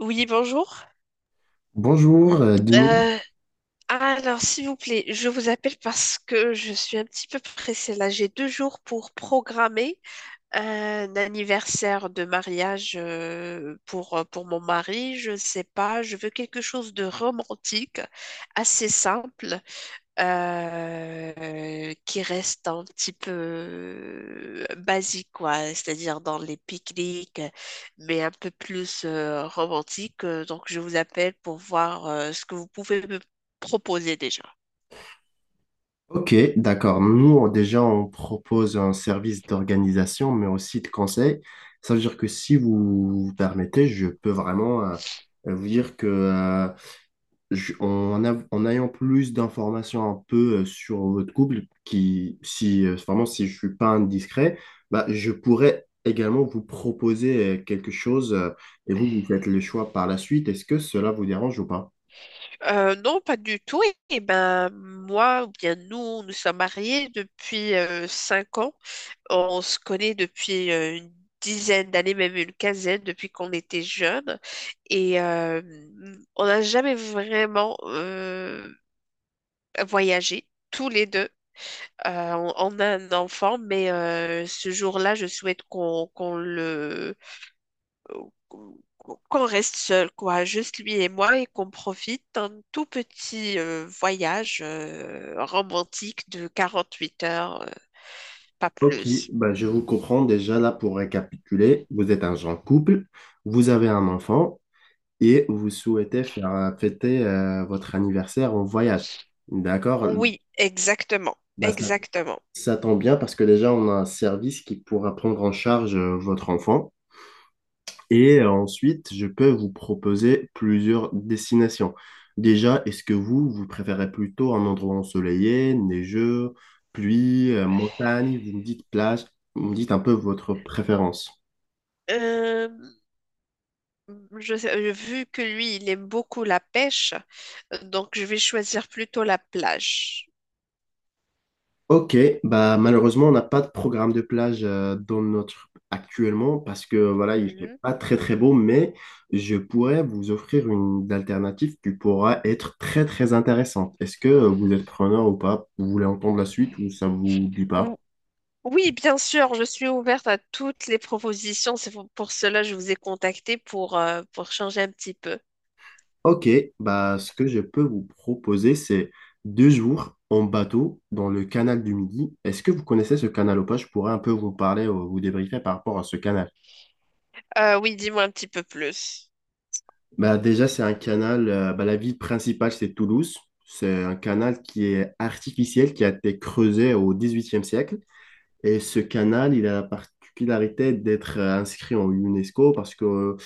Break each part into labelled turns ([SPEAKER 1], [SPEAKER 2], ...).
[SPEAKER 1] Oui, bonjour.
[SPEAKER 2] Bonjour, dis-moi.
[SPEAKER 1] Euh, alors, s'il vous plaît, je vous appelle parce que je suis un petit peu pressée. Là, j'ai deux jours pour programmer un anniversaire de mariage pour mon mari. Je ne sais pas, je veux quelque chose de romantique, assez simple qui reste un petit peu basique, quoi, c'est-à-dire dans les pique-niques, mais un peu plus romantique. Donc, je vous appelle pour voir ce que vous pouvez me proposer déjà.
[SPEAKER 2] Ok, d'accord. Nous, déjà, on propose un service d'organisation, mais aussi de conseil. Ça veut dire que si vous vous permettez, je peux vraiment vous dire que, en, en ayant plus d'informations un peu sur votre couple, qui, si, vraiment, si je suis pas indiscret, je pourrais également vous proposer quelque chose et vous, vous faites le choix par la suite. Est-ce que cela vous dérange ou pas?
[SPEAKER 1] Non, pas du tout. Et, ben, moi, ou bien nous, nous sommes mariés depuis 5 ans. On se connaît depuis une dizaine d'années, même une quinzaine, depuis qu'on était jeunes. Et euh, on n'a jamais vraiment voyagé, tous les deux. On a un enfant, mais ce jour-là, je souhaite qu'on qu'on le qu'on qu'on reste seul, quoi, juste lui et moi, et qu'on profite d'un tout petit voyage romantique de 48 heures, pas
[SPEAKER 2] Ok,
[SPEAKER 1] plus.
[SPEAKER 2] ben, je vous comprends déjà là pour récapituler. Vous êtes un jeune couple, vous avez un enfant et vous souhaitez faire fêter votre anniversaire en voyage. D'accord?
[SPEAKER 1] Oui, exactement,
[SPEAKER 2] Ben, ça,
[SPEAKER 1] exactement.
[SPEAKER 2] ça tombe bien parce que déjà on a un service qui pourra prendre en charge votre enfant et ensuite je peux vous proposer plusieurs destinations. Déjà, est-ce que vous, vous préférez plutôt un endroit ensoleillé, neigeux, pluie, montagne? Vous me dites plage, vous me dites un peu votre préférence.
[SPEAKER 1] Euh, Vu que lui, il aime beaucoup la pêche, donc je vais choisir plutôt la plage.
[SPEAKER 2] Ok, bah malheureusement on n'a pas de programme de plage dans notre actuellement parce que voilà il fait
[SPEAKER 1] Mhm.
[SPEAKER 2] pas très très beau, mais je pourrais vous offrir une alternative qui pourra être très très intéressante. Est-ce que vous êtes preneur ou pas? Vous voulez entendre la suite ou ça vous dit pas?
[SPEAKER 1] Ou- Oui, bien sûr, je suis ouverte à toutes les propositions. C'est pour cela que je vous ai contacté pour changer un petit peu.
[SPEAKER 2] Ok, bah ce que je peux vous proposer c'est deux jours en bateau dans le canal du Midi. Est-ce que vous connaissez ce canal ou pas? Je pourrais un peu vous parler, vous débriefer par rapport à ce canal.
[SPEAKER 1] Oui, dis-moi un petit peu plus.
[SPEAKER 2] Bah déjà, c'est un canal, bah, la ville principale, c'est Toulouse. C'est un canal qui est artificiel, qui a été creusé au XVIIIe siècle. Et ce canal, il a la particularité d'être inscrit en UNESCO parce que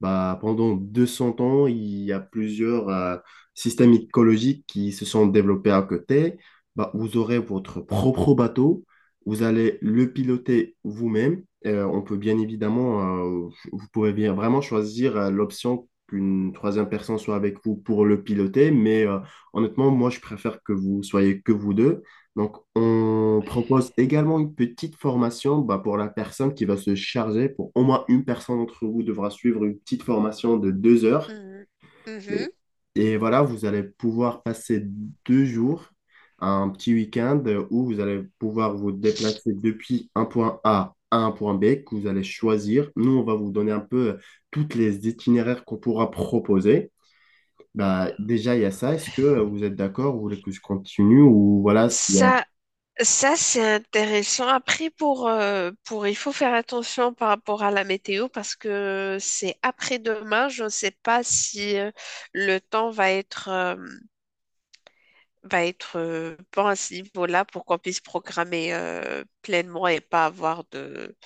[SPEAKER 2] bah, pendant 200 ans, il y a plusieurs systèmes écologiques qui se sont développés à côté. Bah, vous aurez votre propre bateau, vous allez le piloter vous-même. On peut bien évidemment, vous pouvez bien vraiment choisir l'option qu'une troisième personne soit avec vous pour le piloter, mais honnêtement, moi, je préfère que vous soyez que vous deux, donc on propose également une petite formation bah, pour la personne qui va se charger. Pour au moins une personne d'entre vous devra suivre une petite formation de 2 heures.
[SPEAKER 1] Mhm.
[SPEAKER 2] Et,
[SPEAKER 1] Mhm.
[SPEAKER 2] et voilà, vous allez pouvoir passer 2 jours, un petit week-end où vous allez pouvoir vous déplacer depuis un point A à un point B que vous allez choisir. Nous, on va vous donner un peu toutes les itinéraires qu'on pourra proposer. Bah, déjà, il y a ça. Est-ce que vous êtes d'accord? Vous voulez que je continue ou voilà, s'il y a
[SPEAKER 1] Ça, Ça, c'est intéressant. Après, il faut faire attention par rapport à la météo parce que c'est après-demain. Je ne sais pas si le temps va être bon à ce niveau-là pour qu'on puisse programmer pleinement et pas avoir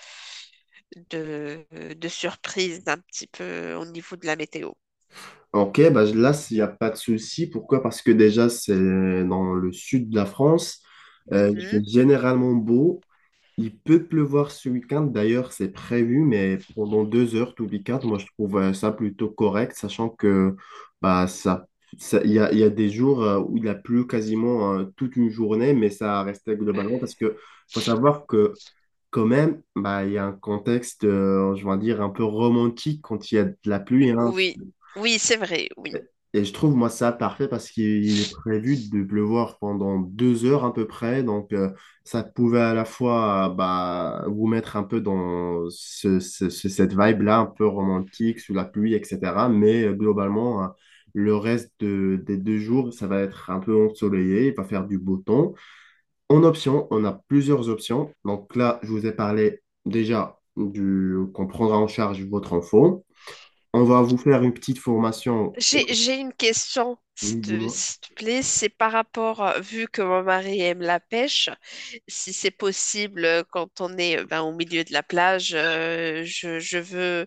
[SPEAKER 1] de, de surprise un petit peu au niveau de la météo.
[SPEAKER 2] Ok, bah là, il n'y a pas de souci. Pourquoi? Parce que déjà, c'est dans le sud de la France. Il fait
[SPEAKER 1] Mhm.
[SPEAKER 2] généralement beau. Il peut pleuvoir ce week-end. D'ailleurs, c'est prévu, mais pendant 2 heures tout le week-end, moi, je trouve ça plutôt correct, sachant que bah, ça, il y a des jours où il a plu quasiment toute une journée, mais ça restait globalement parce que faut savoir que quand même, bah, il y a un contexte, je vais dire, un peu romantique quand il y a de la pluie, hein.
[SPEAKER 1] Oui, oui, c'est vrai, oui.
[SPEAKER 2] Et et je trouve, moi, ça parfait parce qu'il est prévu de pleuvoir pendant 2 heures à peu près. Donc, ça pouvait à la fois bah, vous mettre un peu dans cette vibe-là, un peu romantique, sous la pluie, etc. Mais globalement, le des 2 jours, ça va être un peu ensoleillé, il va faire du beau temps. En option, on a plusieurs options. Donc là, je vous ai parlé déjà du qu'on prendra en charge votre enfant. On va vous faire une petite formation.
[SPEAKER 1] J'ai une question,
[SPEAKER 2] Oui, dis-moi.
[SPEAKER 1] s'il te plaît. C'est par rapport, vu que mon mari aime la pêche, si c'est possible, quand on est ben, au milieu de la plage, je veux.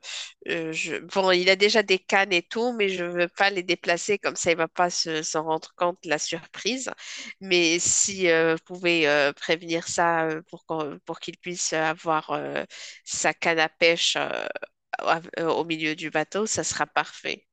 [SPEAKER 1] Bon, il a déjà des cannes et tout, mais je veux pas les déplacer, comme ça, il va pas s'en rendre compte de la surprise. Mais si vous pouvez prévenir ça pour qu'il puisse avoir sa canne à pêche au milieu du bateau, ça sera parfait.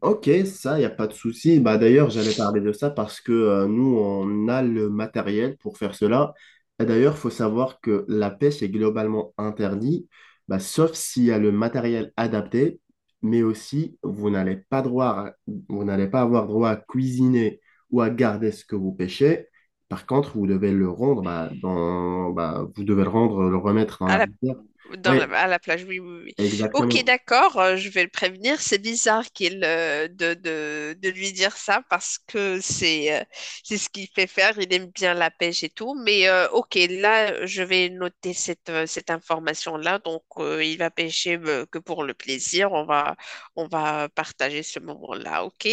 [SPEAKER 2] Ok, ça, il n'y a pas de souci. Bah, d'ailleurs, j'allais parler de ça parce que nous, on a le matériel pour faire cela. Et d'ailleurs, il faut savoir que la pêche est globalement interdite, bah, sauf s'il y a le matériel adapté, mais aussi, vous n'allez pas avoir droit à cuisiner ou à garder ce que vous pêchez. Par contre, vous devez le rendre, bah, dans, bah, vous devez le rendre, le remettre dans
[SPEAKER 1] À
[SPEAKER 2] la
[SPEAKER 1] la,
[SPEAKER 2] rivière. Oui,
[SPEAKER 1] à la plage, oui, oui, oui. Ok,
[SPEAKER 2] exactement.
[SPEAKER 1] d'accord, je vais le prévenir. C'est bizarre qu'il de lui dire ça parce que c'est ce qu'il fait faire. Il aime bien la pêche et tout. Mais ok, là, je vais noter cette, cette information-là. Donc, il va pêcher que pour le plaisir. On va partager ce moment-là. Ok?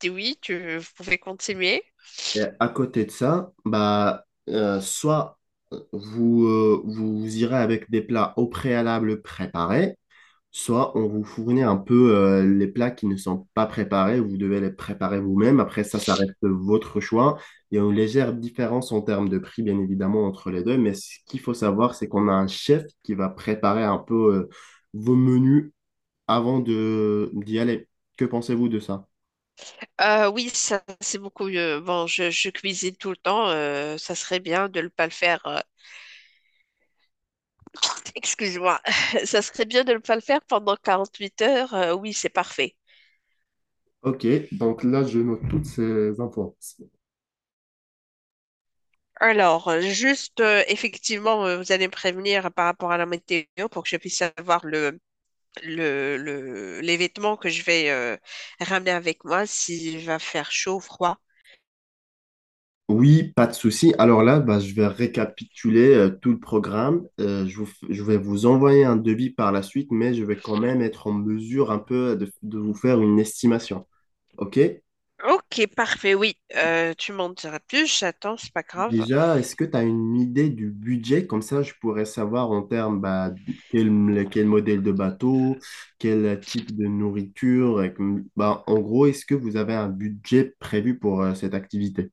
[SPEAKER 1] Dis Oui, vous pouvez continuer.
[SPEAKER 2] Et à côté de ça, bah, soit vous, vous irez avec des plats au préalable préparés, soit on vous fournit un peu les plats qui ne sont pas préparés, vous devez les préparer vous-même. Après ça, ça reste votre choix. Il y a une légère différence en termes de prix, bien évidemment, entre les deux, mais ce qu'il faut savoir, c'est qu'on a un chef qui va préparer un peu vos menus avant de, d'y aller. Que pensez-vous de ça?
[SPEAKER 1] Oui, ça c'est beaucoup mieux. Bon, je cuisine tout le temps. Ça serait bien de ne pas le faire excuse-moi, ça serait bien de ne pas le faire pendant 48 heures. Oui, c'est parfait.
[SPEAKER 2] Ok, donc là, je note toutes ces infos.
[SPEAKER 1] Alors, effectivement, vous allez me prévenir par rapport à la météo pour que je puisse savoir les vêtements que je vais ramener avec moi, s'il va faire chaud ou froid.
[SPEAKER 2] Oui, pas de souci. Alors là, bah, je vais récapituler tout le programme. Je vais vous envoyer un devis par la suite, mais je vais quand même être en mesure un peu de vous faire une estimation. OK?
[SPEAKER 1] Ok, parfait, oui. Tu m'en diras plus, j'attends, c'est pas grave.
[SPEAKER 2] Déjà, est-ce que tu as une idée du budget? Comme ça, je pourrais savoir en termes bah, quel, quel modèle de bateau, quel type de nourriture. Et bah, en gros, est-ce que vous avez un budget prévu pour cette activité?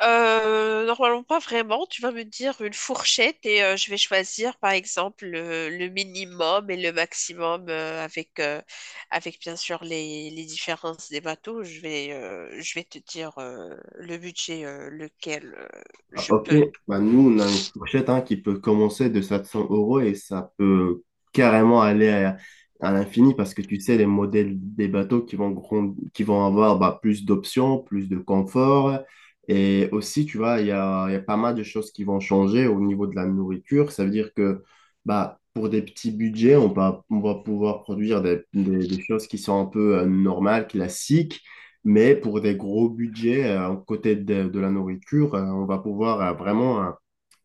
[SPEAKER 1] Normalement pas vraiment. Tu vas me dire une fourchette et je vais choisir par exemple le minimum et le maximum avec bien sûr les différences des bateaux. Je vais te dire le budget lequel
[SPEAKER 2] Ah,
[SPEAKER 1] je
[SPEAKER 2] ok,
[SPEAKER 1] peux.
[SPEAKER 2] bah, nous on a une fourchette hein, qui peut commencer de 700 euros et ça peut carrément aller à l'infini parce que tu sais, les modèles des bateaux qui vont, qui vont avoir bah, plus d'options, plus de confort. Et aussi, tu vois, il y a pas mal de choses qui vont changer au niveau de la nourriture. Ça veut dire que bah, pour des petits budgets, on va pouvoir produire des, des choses qui sont un peu normales, classiques. Mais pour des gros budgets, côté de la nourriture, on va pouvoir vraiment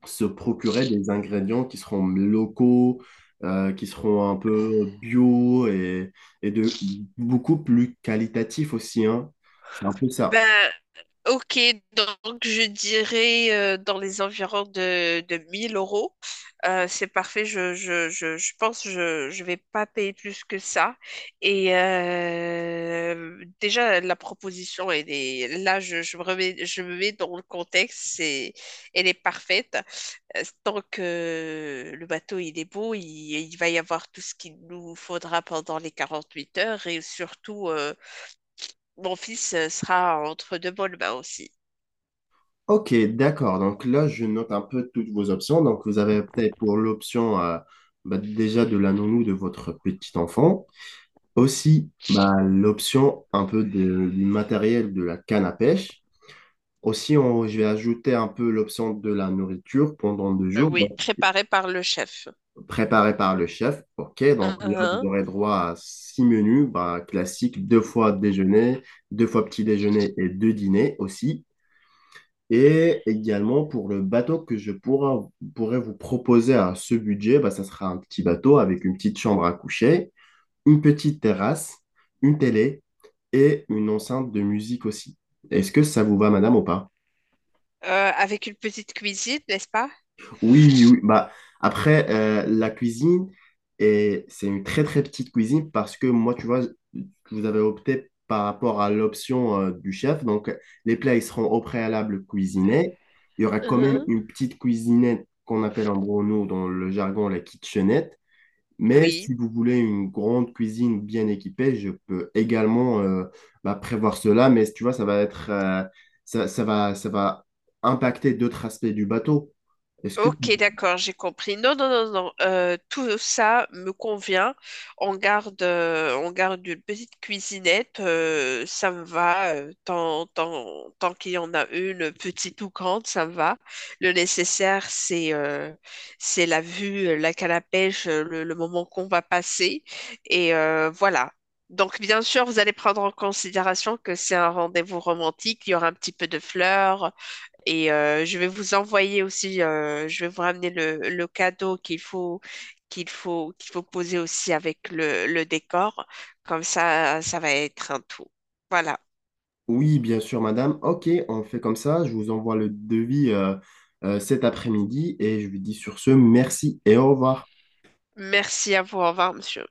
[SPEAKER 2] se procurer des ingrédients qui seront locaux, qui seront un peu bio et de beaucoup plus qualitatifs aussi, hein. C'est un peu ça.
[SPEAKER 1] Ben Ok, donc je dirais dans les environs de 1000 euros. C'est parfait, je pense que je vais pas payer plus que ça. Et déjà, la proposition, elle est, là, je me je me mets dans le contexte, c'est, elle est parfaite. Tant que le bateau, il est beau, il va y avoir tout ce qu'il nous faudra pendant les 48 heures et surtout, mon fils sera entre deux bonnes mains aussi.
[SPEAKER 2] Ok, d'accord. Donc là, je note un peu toutes vos options. Donc vous avez peut-être pour l'option bah, déjà de la nounou de votre petit enfant. Aussi, bah, l'option un peu du matériel de la canne à pêche. Aussi, je vais ajouter un peu l'option de la nourriture pendant deux jours,
[SPEAKER 1] Oui,
[SPEAKER 2] donc
[SPEAKER 1] préparé par le chef.
[SPEAKER 2] préparée par le chef. OK, donc là, vous
[SPEAKER 1] Uhum.
[SPEAKER 2] aurez droit à 6 menus bah, classiques, deux fois déjeuner, deux fois petit déjeuner et deux dîners aussi. Et également, pour le bateau que pourrais vous proposer à ce budget, bah, ça sera un petit bateau avec une petite chambre à coucher, une petite terrasse, une télé et une enceinte de musique aussi. Est-ce que ça vous va, madame, ou pas?
[SPEAKER 1] Euh, Avec une petite cuisine, n'est-ce pas?
[SPEAKER 2] Oui, oui, oui. Bah, après, la cuisine, et c'est une très très petite cuisine parce que moi, tu vois, vous avez opté par rapport à l'option du chef. Donc, les plats, ils seront au préalable cuisinés. Il y aura quand même
[SPEAKER 1] Uhum.
[SPEAKER 2] une petite cuisinette qu'on appelle en gros, nous, dans le jargon, la kitchenette. Mais
[SPEAKER 1] Oui.
[SPEAKER 2] si vous voulez une grande cuisine bien équipée, je peux également bah, prévoir cela. Mais tu vois, ça va être, ça, ça va impacter d'autres aspects du bateau. Est-ce que tu
[SPEAKER 1] Ok, d'accord, j'ai compris. Non, non, non, non. Tout ça me convient. On garde une petite cuisinette. Euh, ça me va. Tant qu'il y en a une, petite ou grande, ça me va. Le nécessaire, c'est la vue, la canne à pêche, le moment qu'on va passer. Et voilà. Donc, bien sûr, vous allez prendre en considération que c'est un rendez-vous romantique. Il y aura un petit peu de fleurs. Et je vais vous envoyer aussi, je vais vous ramener le cadeau qu'il faut, qu'il faut poser aussi avec le décor. Comme ça va être un tout. Voilà.
[SPEAKER 2] Oui, bien sûr, madame. Ok, on fait comme ça. Je vous envoie le devis cet après-midi et je vous dis sur ce, merci et au revoir.
[SPEAKER 1] Merci à vous. Au revoir, monsieur.